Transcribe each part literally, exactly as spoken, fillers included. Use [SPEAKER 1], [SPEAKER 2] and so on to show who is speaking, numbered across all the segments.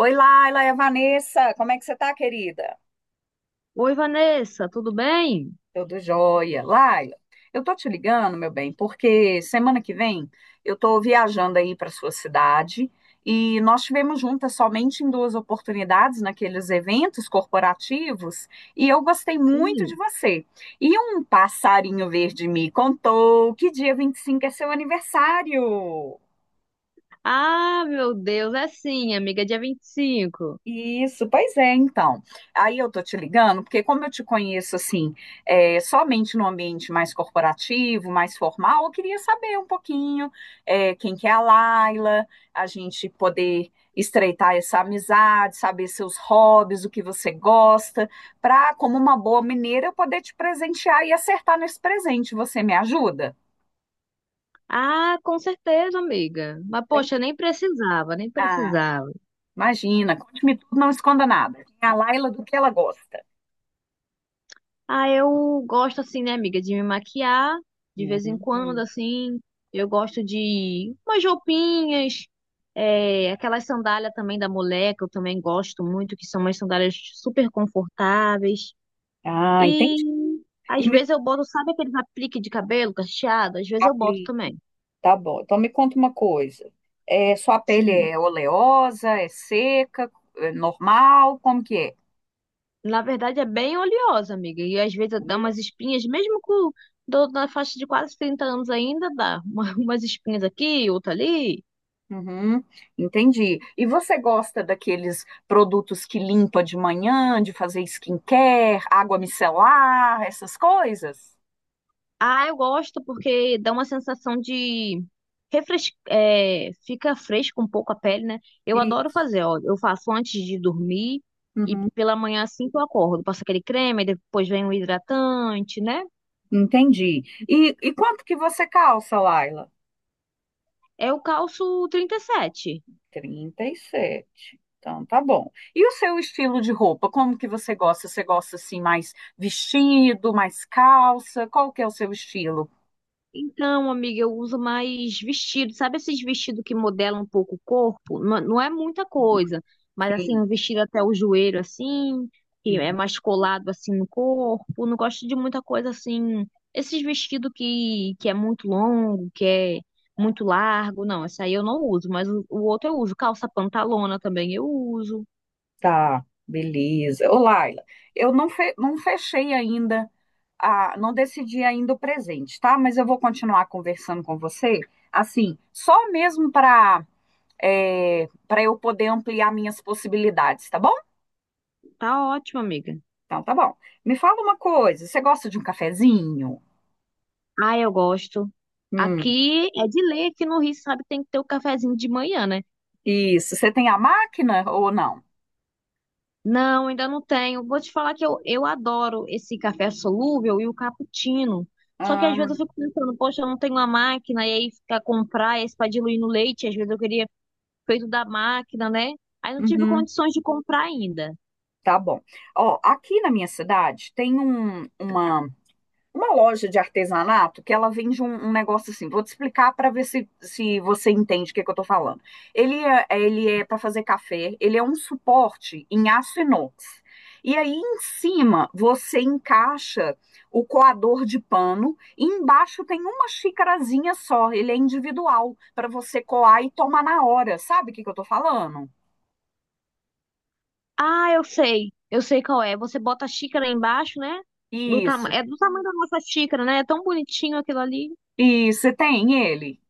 [SPEAKER 1] Oi, Laila, é a Vanessa. Como é que você tá, querida?
[SPEAKER 2] Oi, Vanessa, tudo bem?
[SPEAKER 1] Tudo jóia. Laila, eu tô te ligando, meu bem, porque semana que vem eu tô viajando aí para sua cidade e nós tivemos juntas somente em duas oportunidades naqueles eventos corporativos e eu gostei muito
[SPEAKER 2] Sim.
[SPEAKER 1] de você. E um passarinho verde me contou que dia vinte e cinco é seu aniversário.
[SPEAKER 2] Ah, meu Deus, é sim, amiga, é dia vinte e cinco.
[SPEAKER 1] Isso, pois é, então. Aí eu tô te ligando, porque como eu te conheço assim, é, somente no ambiente mais corporativo, mais formal, eu queria saber um pouquinho, é, quem que é a Laila, a gente poder estreitar essa amizade, saber seus hobbies, o que você gosta, para, como uma boa mineira, eu poder te presentear e acertar nesse presente. Você me ajuda?
[SPEAKER 2] Ah, com certeza, amiga. Mas,
[SPEAKER 1] Tem?
[SPEAKER 2] poxa, nem precisava, nem
[SPEAKER 1] Ah,
[SPEAKER 2] precisava.
[SPEAKER 1] imagina, conte-me tudo, não esconda nada. Quem é a Laila do que ela gosta?
[SPEAKER 2] Ah, eu gosto, assim, né, amiga, de me maquiar de vez em quando,
[SPEAKER 1] Hum.
[SPEAKER 2] assim. Eu gosto de umas roupinhas, é, aquelas sandálias também da mulher, que eu também gosto muito, que são umas sandálias super confortáveis.
[SPEAKER 1] Ah,
[SPEAKER 2] E
[SPEAKER 1] entendi.
[SPEAKER 2] às
[SPEAKER 1] E me
[SPEAKER 2] vezes eu boto, sabe aqueles aplique de cabelo cacheado? Às vezes eu boto
[SPEAKER 1] apli,
[SPEAKER 2] também.
[SPEAKER 1] tá bom. Então me conta uma coisa. É, sua pele
[SPEAKER 2] Sim.
[SPEAKER 1] é oleosa, é seca, é normal? Como que é?
[SPEAKER 2] Na verdade é bem oleosa, amiga. E às vezes dá umas
[SPEAKER 1] Oleosa.
[SPEAKER 2] espinhas, mesmo com do, na faixa de quase trinta anos ainda dá. Uma- umas espinhas aqui, outra ali.
[SPEAKER 1] Uhum, entendi. E você gosta daqueles produtos que limpa de manhã, de fazer skincare, água micelar, essas coisas?
[SPEAKER 2] Ah, eu gosto porque dá uma sensação de refres... é, fica fresco um pouco a pele, né? Eu adoro
[SPEAKER 1] Isso.
[SPEAKER 2] fazer, ó. Eu faço antes de dormir e
[SPEAKER 1] Uhum,
[SPEAKER 2] pela manhã assim que eu acordo. Passo aquele creme, aí depois vem o hidratante, né?
[SPEAKER 1] entendi. E, e quanto que você calça, Laila?
[SPEAKER 2] É o calço trinta e sete.
[SPEAKER 1] Trinta e sete, então, tá bom. E o seu estilo de roupa? Como que você gosta? Você gosta assim mais vestido, mais calça? Qual que é o seu estilo?
[SPEAKER 2] Então, amiga, eu uso mais vestido. Sabe esses vestidos que modelam um pouco o corpo? Não, não é muita
[SPEAKER 1] Hum.
[SPEAKER 2] coisa, mas assim,
[SPEAKER 1] Sim.
[SPEAKER 2] um vestido até o joelho, assim, que é
[SPEAKER 1] Uhum.
[SPEAKER 2] mais colado assim no corpo. Não gosto de muita coisa assim. Esses vestidos que, que é muito longo, que é muito largo. Não, essa aí eu não uso, mas o, o outro eu uso. Calça pantalona também eu uso.
[SPEAKER 1] Tá, beleza. Ô, Laila, eu não, fe- não fechei ainda, a, não decidi ainda o presente, tá? Mas eu vou continuar conversando com você, assim, só mesmo para para eu poder ampliar minhas possibilidades, tá bom?
[SPEAKER 2] Tá ótimo, amiga.
[SPEAKER 1] Então, tá bom. Me fala uma coisa, você gosta de um cafezinho?
[SPEAKER 2] Ah, eu gosto.
[SPEAKER 1] Hum,
[SPEAKER 2] Aqui é de lei, aqui no Rio, sabe, tem que ter o cafezinho de manhã, né?
[SPEAKER 1] isso. Você tem a máquina ou não?
[SPEAKER 2] Não, ainda não tenho. Vou te falar que eu, eu adoro esse café solúvel e o cappuccino. Só que às
[SPEAKER 1] Ah,
[SPEAKER 2] vezes eu fico pensando, poxa, eu não tenho uma máquina, e aí ficar comprar esse para diluir no leite, às vezes eu queria feito da máquina, né? Aí não tive
[SPEAKER 1] uhum,
[SPEAKER 2] condições de comprar ainda.
[SPEAKER 1] tá bom. Ó, aqui na minha cidade tem um, uma. uma loja de artesanato que ela vende um, um negócio assim. Vou te explicar para ver se, se você entende o que, que eu estou falando. Ele é, é, ele é para fazer café, ele é um suporte em aço inox. E aí em cima você encaixa o coador de pano e embaixo tem uma xicarazinha só, ele é individual para você coar e tomar na hora. Sabe o que, que eu estou falando?
[SPEAKER 2] Ah, eu sei, eu sei qual é. Você bota a xícara embaixo, né? Do tama
[SPEAKER 1] Isso.
[SPEAKER 2] é do tamanho da nossa xícara, né? É tão bonitinho aquilo ali.
[SPEAKER 1] Isso, você tem ele.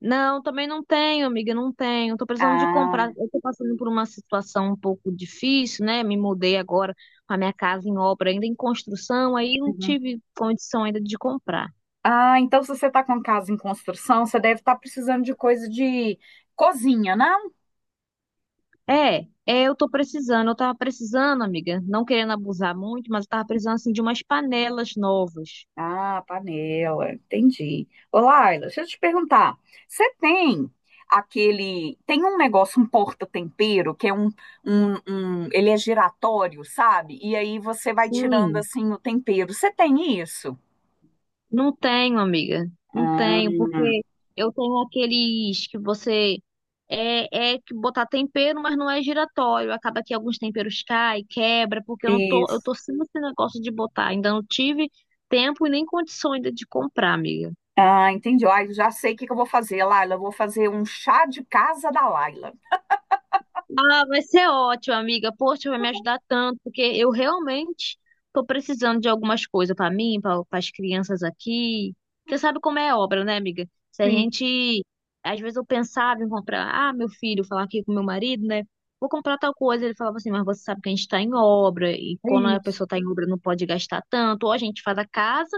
[SPEAKER 2] Não, também não tenho, amiga, não tenho. Tô precisando de comprar.
[SPEAKER 1] Ah,
[SPEAKER 2] Eu tô passando por uma situação um pouco difícil, né? Me mudei agora com a minha casa em obra, ainda em construção, aí não
[SPEAKER 1] uhum.
[SPEAKER 2] tive condição ainda de comprar.
[SPEAKER 1] Ah, então se você está com casa em construção, você deve estar precisando de coisa de cozinha, não?
[SPEAKER 2] É, é, eu tô precisando. Eu tava precisando, amiga, não querendo abusar muito, mas eu tava precisando assim de umas panelas novas.
[SPEAKER 1] Ah, panela, entendi. Ô, Laila, deixa eu te perguntar. Você tem aquele. Tem um negócio, um porta-tempero, que é um, um, um. Ele é giratório, sabe? E aí você vai tirando
[SPEAKER 2] Sim,
[SPEAKER 1] assim o tempero. Você tem isso?
[SPEAKER 2] não tenho, amiga. Não
[SPEAKER 1] Ah,
[SPEAKER 2] tenho, porque eu tenho aqueles que você é, é que botar tempero, mas não é giratório. Acaba que alguns temperos caem, quebra, porque eu não tô, eu
[SPEAKER 1] isso.
[SPEAKER 2] tô sem esse negócio de botar. Ainda não tive tempo e nem condições de de comprar, amiga.
[SPEAKER 1] Ah, entendi. Ai, eu já sei o que que eu vou fazer, Laila. Eu vou fazer um chá de casa da Laila.
[SPEAKER 2] Ah, vai ser ótimo, amiga. Poxa, vai me ajudar tanto, porque eu realmente tô precisando de algumas coisas para mim, para as crianças aqui. Você sabe como é obra, né, amiga? Se a
[SPEAKER 1] Sim.
[SPEAKER 2] gente, às vezes eu pensava em comprar, ah, meu filho, falar aqui com meu marido, né? Vou comprar tal coisa. Ele falava assim, mas você sabe que a gente está em obra, e quando a
[SPEAKER 1] Isso.
[SPEAKER 2] pessoa está em obra não pode gastar tanto, ou a gente faz a casa,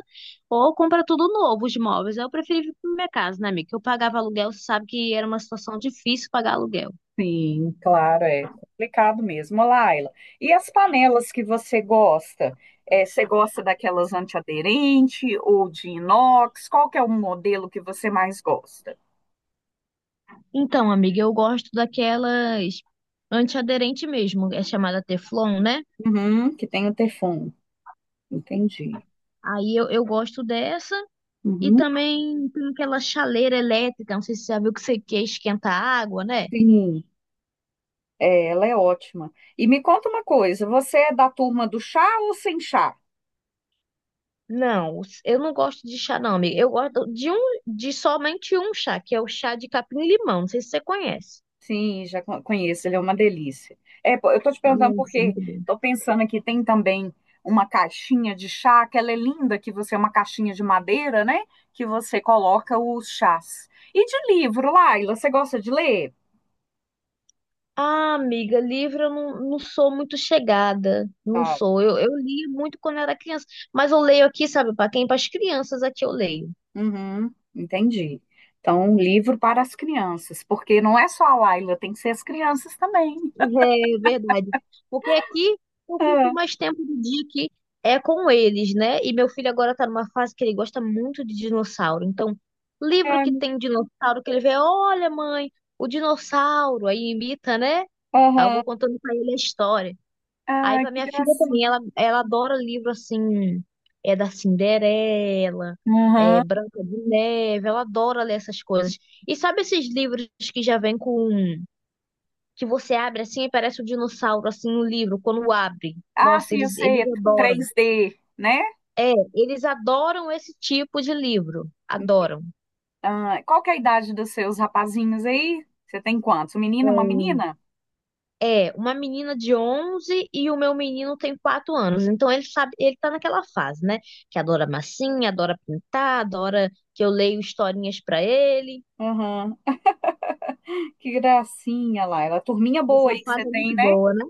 [SPEAKER 2] ou compra tudo novo, os móveis. Eu preferi vir pra minha casa, né, amiga? Eu pagava aluguel, você sabe que era uma situação difícil pagar aluguel.
[SPEAKER 1] Sim, claro, é complicado mesmo. Ô, Laila, e as panelas que você gosta? É, você gosta daquelas antiaderente ou de inox? Qual que é o modelo que você mais gosta?
[SPEAKER 2] Então, amiga, eu gosto daquelas antiaderente mesmo, é chamada Teflon, né?
[SPEAKER 1] Uhum, que tem o Teflon, entendi.
[SPEAKER 2] Aí eu, eu gosto dessa e
[SPEAKER 1] Uhum,
[SPEAKER 2] também tem aquela chaleira elétrica, não sei se você já viu que você quer esquentar água, né?
[SPEAKER 1] sim, é, ela é ótima. E me conta uma coisa, você é da turma do chá ou sem chá?
[SPEAKER 2] Não, eu não gosto de chá não, amiga. Eu gosto de um, de somente um chá, que é o chá de capim-limão, não sei se você conhece.
[SPEAKER 1] Sim, já co- conheço, ele é uma delícia. É, pô, eu tô te perguntando
[SPEAKER 2] Nossa,
[SPEAKER 1] porque
[SPEAKER 2] muito bom.
[SPEAKER 1] tô pensando aqui, tem também uma caixinha de chá, aquela é linda que você é uma caixinha de madeira, né? Que você coloca os chás. E de livro, Laila, você gosta de ler?
[SPEAKER 2] Ah, amiga, livro eu não, não sou muito chegada, não
[SPEAKER 1] Tá.
[SPEAKER 2] sou. Eu, eu li muito quando era criança, mas eu leio aqui, sabe, para quem? Para as crianças aqui eu leio.
[SPEAKER 1] Uhum, entendi. Então, um livro para as crianças, porque não é só a Laila, tem que ser as crianças também.
[SPEAKER 2] É verdade. Porque aqui eu fico
[SPEAKER 1] Ah,
[SPEAKER 2] mais tempo do dia que é com eles, né? E meu filho agora tá numa fase que ele gosta muito de dinossauro. Então, livro que
[SPEAKER 1] ah,
[SPEAKER 2] tem dinossauro, que ele vê, olha, mãe, o dinossauro, aí imita, né? Aí eu
[SPEAKER 1] aham.
[SPEAKER 2] vou contando pra ele a história. Aí
[SPEAKER 1] Ah,
[SPEAKER 2] pra
[SPEAKER 1] que
[SPEAKER 2] minha filha também,
[SPEAKER 1] gracinha.
[SPEAKER 2] ela, ela adora livro assim, é da Cinderela, é
[SPEAKER 1] Aham.
[SPEAKER 2] Branca de Neve, ela adora ler essas coisas. E sabe esses livros que já vêm com que você abre assim e parece um dinossauro, assim, no livro, quando abre.
[SPEAKER 1] Ah,
[SPEAKER 2] Nossa,
[SPEAKER 1] sim, eu
[SPEAKER 2] eles,
[SPEAKER 1] sei,
[SPEAKER 2] eles
[SPEAKER 1] é
[SPEAKER 2] adoram.
[SPEAKER 1] três D, né?
[SPEAKER 2] Eles adoram esse tipo de livro. Adoram.
[SPEAKER 1] Ah, qual que é a idade dos seus rapazinhos aí? Você tem quantos? Um menino e uma menina?
[SPEAKER 2] É, é, uma menina de onze e o meu menino tem quatro anos. Então ele sabe, ele tá naquela fase, né? Que adora massinha, adora pintar, adora que eu leio historinhas pra ele.
[SPEAKER 1] Aham. Que gracinha, Laila. Turminha boa
[SPEAKER 2] Essa
[SPEAKER 1] aí que você
[SPEAKER 2] fase é
[SPEAKER 1] tem,
[SPEAKER 2] muito
[SPEAKER 1] né?
[SPEAKER 2] boa, né?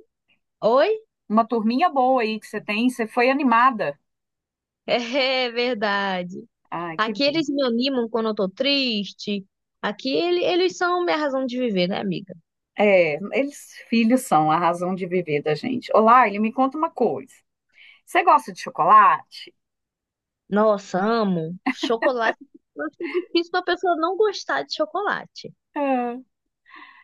[SPEAKER 2] Oi?
[SPEAKER 1] Uma turminha boa aí que você tem. Você foi animada.
[SPEAKER 2] É é verdade.
[SPEAKER 1] Ai, que
[SPEAKER 2] Aqui
[SPEAKER 1] bom.
[SPEAKER 2] eles me animam quando eu tô triste. Aqui ele- eles são minha razão de viver, né, amiga?
[SPEAKER 1] É, eles filhos são a razão de viver da gente. Ô, Laila, me conta uma coisa. Você gosta de chocolate?
[SPEAKER 2] Nossa, amo. Chocolate. Eu acho que é difícil uma pessoa não gostar de chocolate.
[SPEAKER 1] Ah.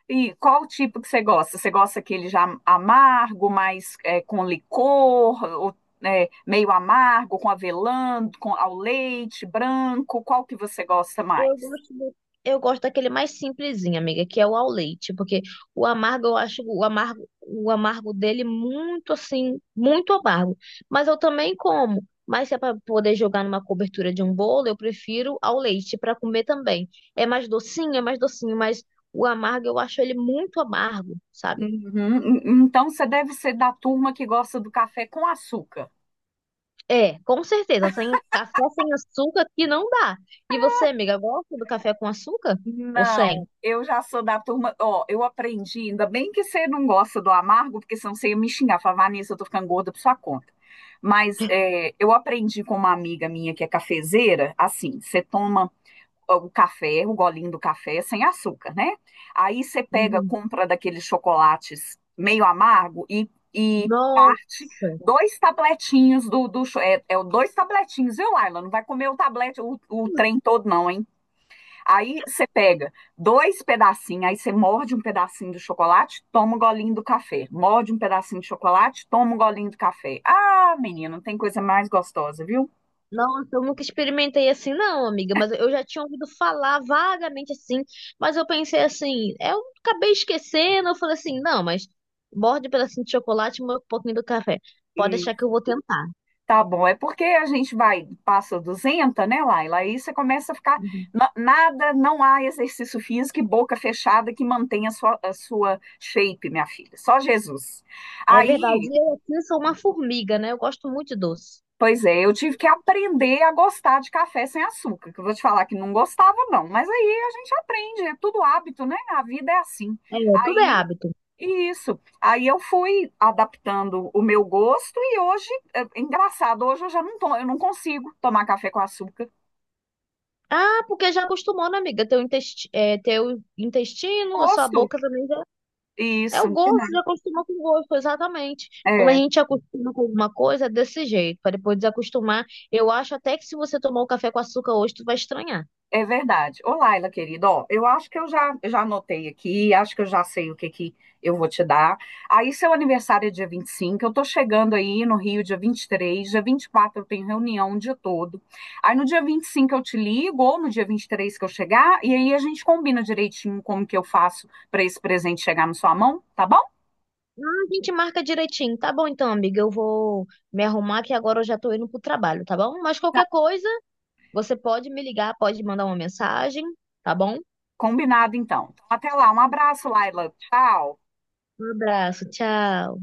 [SPEAKER 1] E qual o tipo que você gosta? Você gosta aquele já amargo, mais é, com licor, ou, é, meio amargo, com avelã, com ao leite, branco? Qual que você gosta
[SPEAKER 2] Eu
[SPEAKER 1] mais?
[SPEAKER 2] gosto do- Eu gosto daquele mais simplesinho, amiga, que é o ao leite, porque o amargo eu acho o amargo, o amargo dele muito assim, muito amargo. Mas eu também como. Mas se é para poder jogar numa cobertura de um bolo, eu prefiro ao leite para comer também. É mais docinho, é mais docinho, mas o amargo eu acho ele muito amargo, sabe?
[SPEAKER 1] Uhum. Então você deve ser da turma que gosta do café com açúcar.
[SPEAKER 2] É, com certeza. Sem café sem açúcar que não dá. E você, amiga, gosta do café com açúcar? Ou sem?
[SPEAKER 1] Não, eu já sou da turma. Ó, eu aprendi, ainda bem que você não gosta do amargo, porque senão você ia me xingar, falar, Vanessa, eu tô ficando gorda por sua conta. Mas é, eu aprendi com uma amiga minha que é cafezeira, assim, você toma o café, o golinho do café é sem açúcar, né? Aí você pega,
[SPEAKER 2] Uhum.
[SPEAKER 1] compra daqueles chocolates meio amargo e, e parte
[SPEAKER 2] Nossa,
[SPEAKER 1] dois tabletinhos do, do cho- é, é o dois tabletinhos, viu, Laila? Não vai comer o tablete, o, o trem todo, não, hein? Aí você pega dois pedacinhos, aí você morde um pedacinho do chocolate, toma um golinho do café. Morde um pedacinho de chocolate, toma um golinho do café. Ah, menino, não tem coisa mais gostosa, viu?
[SPEAKER 2] nossa, eu nunca experimentei assim, não, amiga. Mas eu já tinha ouvido falar vagamente assim. Mas eu pensei assim, eu acabei esquecendo. Eu falei assim, não, mas morde um pedacinho de chocolate e um pouquinho do café. Pode
[SPEAKER 1] E
[SPEAKER 2] deixar que eu vou tentar.
[SPEAKER 1] Tá bom, é porque a gente vai, passa duzentos, né, Laila? Aí você começa a ficar.
[SPEAKER 2] Uhum.
[SPEAKER 1] na- Nada, não há exercício físico e boca fechada que mantenha a sua, a sua shape, minha filha. Só Jesus.
[SPEAKER 2] É
[SPEAKER 1] Aí,
[SPEAKER 2] verdade. Eu aqui sou uma formiga, né? Eu gosto muito de doce.
[SPEAKER 1] pois é, eu tive que aprender a gostar de café sem açúcar, que eu vou te falar que não gostava, não. Mas aí a gente aprende, é tudo hábito, né? A vida é assim.
[SPEAKER 2] É, tudo é
[SPEAKER 1] Aí.
[SPEAKER 2] hábito.
[SPEAKER 1] Isso. Aí eu fui adaptando o meu gosto e hoje, é engraçado, hoje eu já não tô, eu não consigo tomar café com açúcar.
[SPEAKER 2] Ah, porque já acostumou, né, amiga? Teu intestino, é, teu intestino, a sua
[SPEAKER 1] Gosto
[SPEAKER 2] boca também já. É
[SPEAKER 1] Isso,
[SPEAKER 2] o gosto, já acostumou com o gosto, exatamente. Quando a
[SPEAKER 1] é,
[SPEAKER 2] gente acostuma com alguma coisa, é desse jeito. Para depois desacostumar, eu acho até que se você tomar o café com açúcar hoje, tu vai estranhar.
[SPEAKER 1] é verdade. Ô, Laila, querida, ó, eu acho que eu já, já anotei aqui, acho que eu já sei o que que eu vou te dar. Aí, seu aniversário é dia vinte e cinco, eu tô chegando aí no Rio dia vinte e três, dia vinte e quatro eu tenho reunião o dia todo. Aí, no dia vinte e cinco eu te ligo, ou no dia vinte e três que eu chegar, e aí a gente combina direitinho como que eu faço para esse presente chegar na sua mão, tá bom?
[SPEAKER 2] Ah, a gente marca direitinho. Tá bom então, amiga. Eu vou me arrumar que agora eu já tô indo pro trabalho, tá bom? Mas
[SPEAKER 1] Tá,
[SPEAKER 2] qualquer coisa, você pode me ligar, pode mandar uma mensagem, tá bom?
[SPEAKER 1] combinado então. Então, até lá, um abraço, Laila, tchau.
[SPEAKER 2] Um abraço, tchau.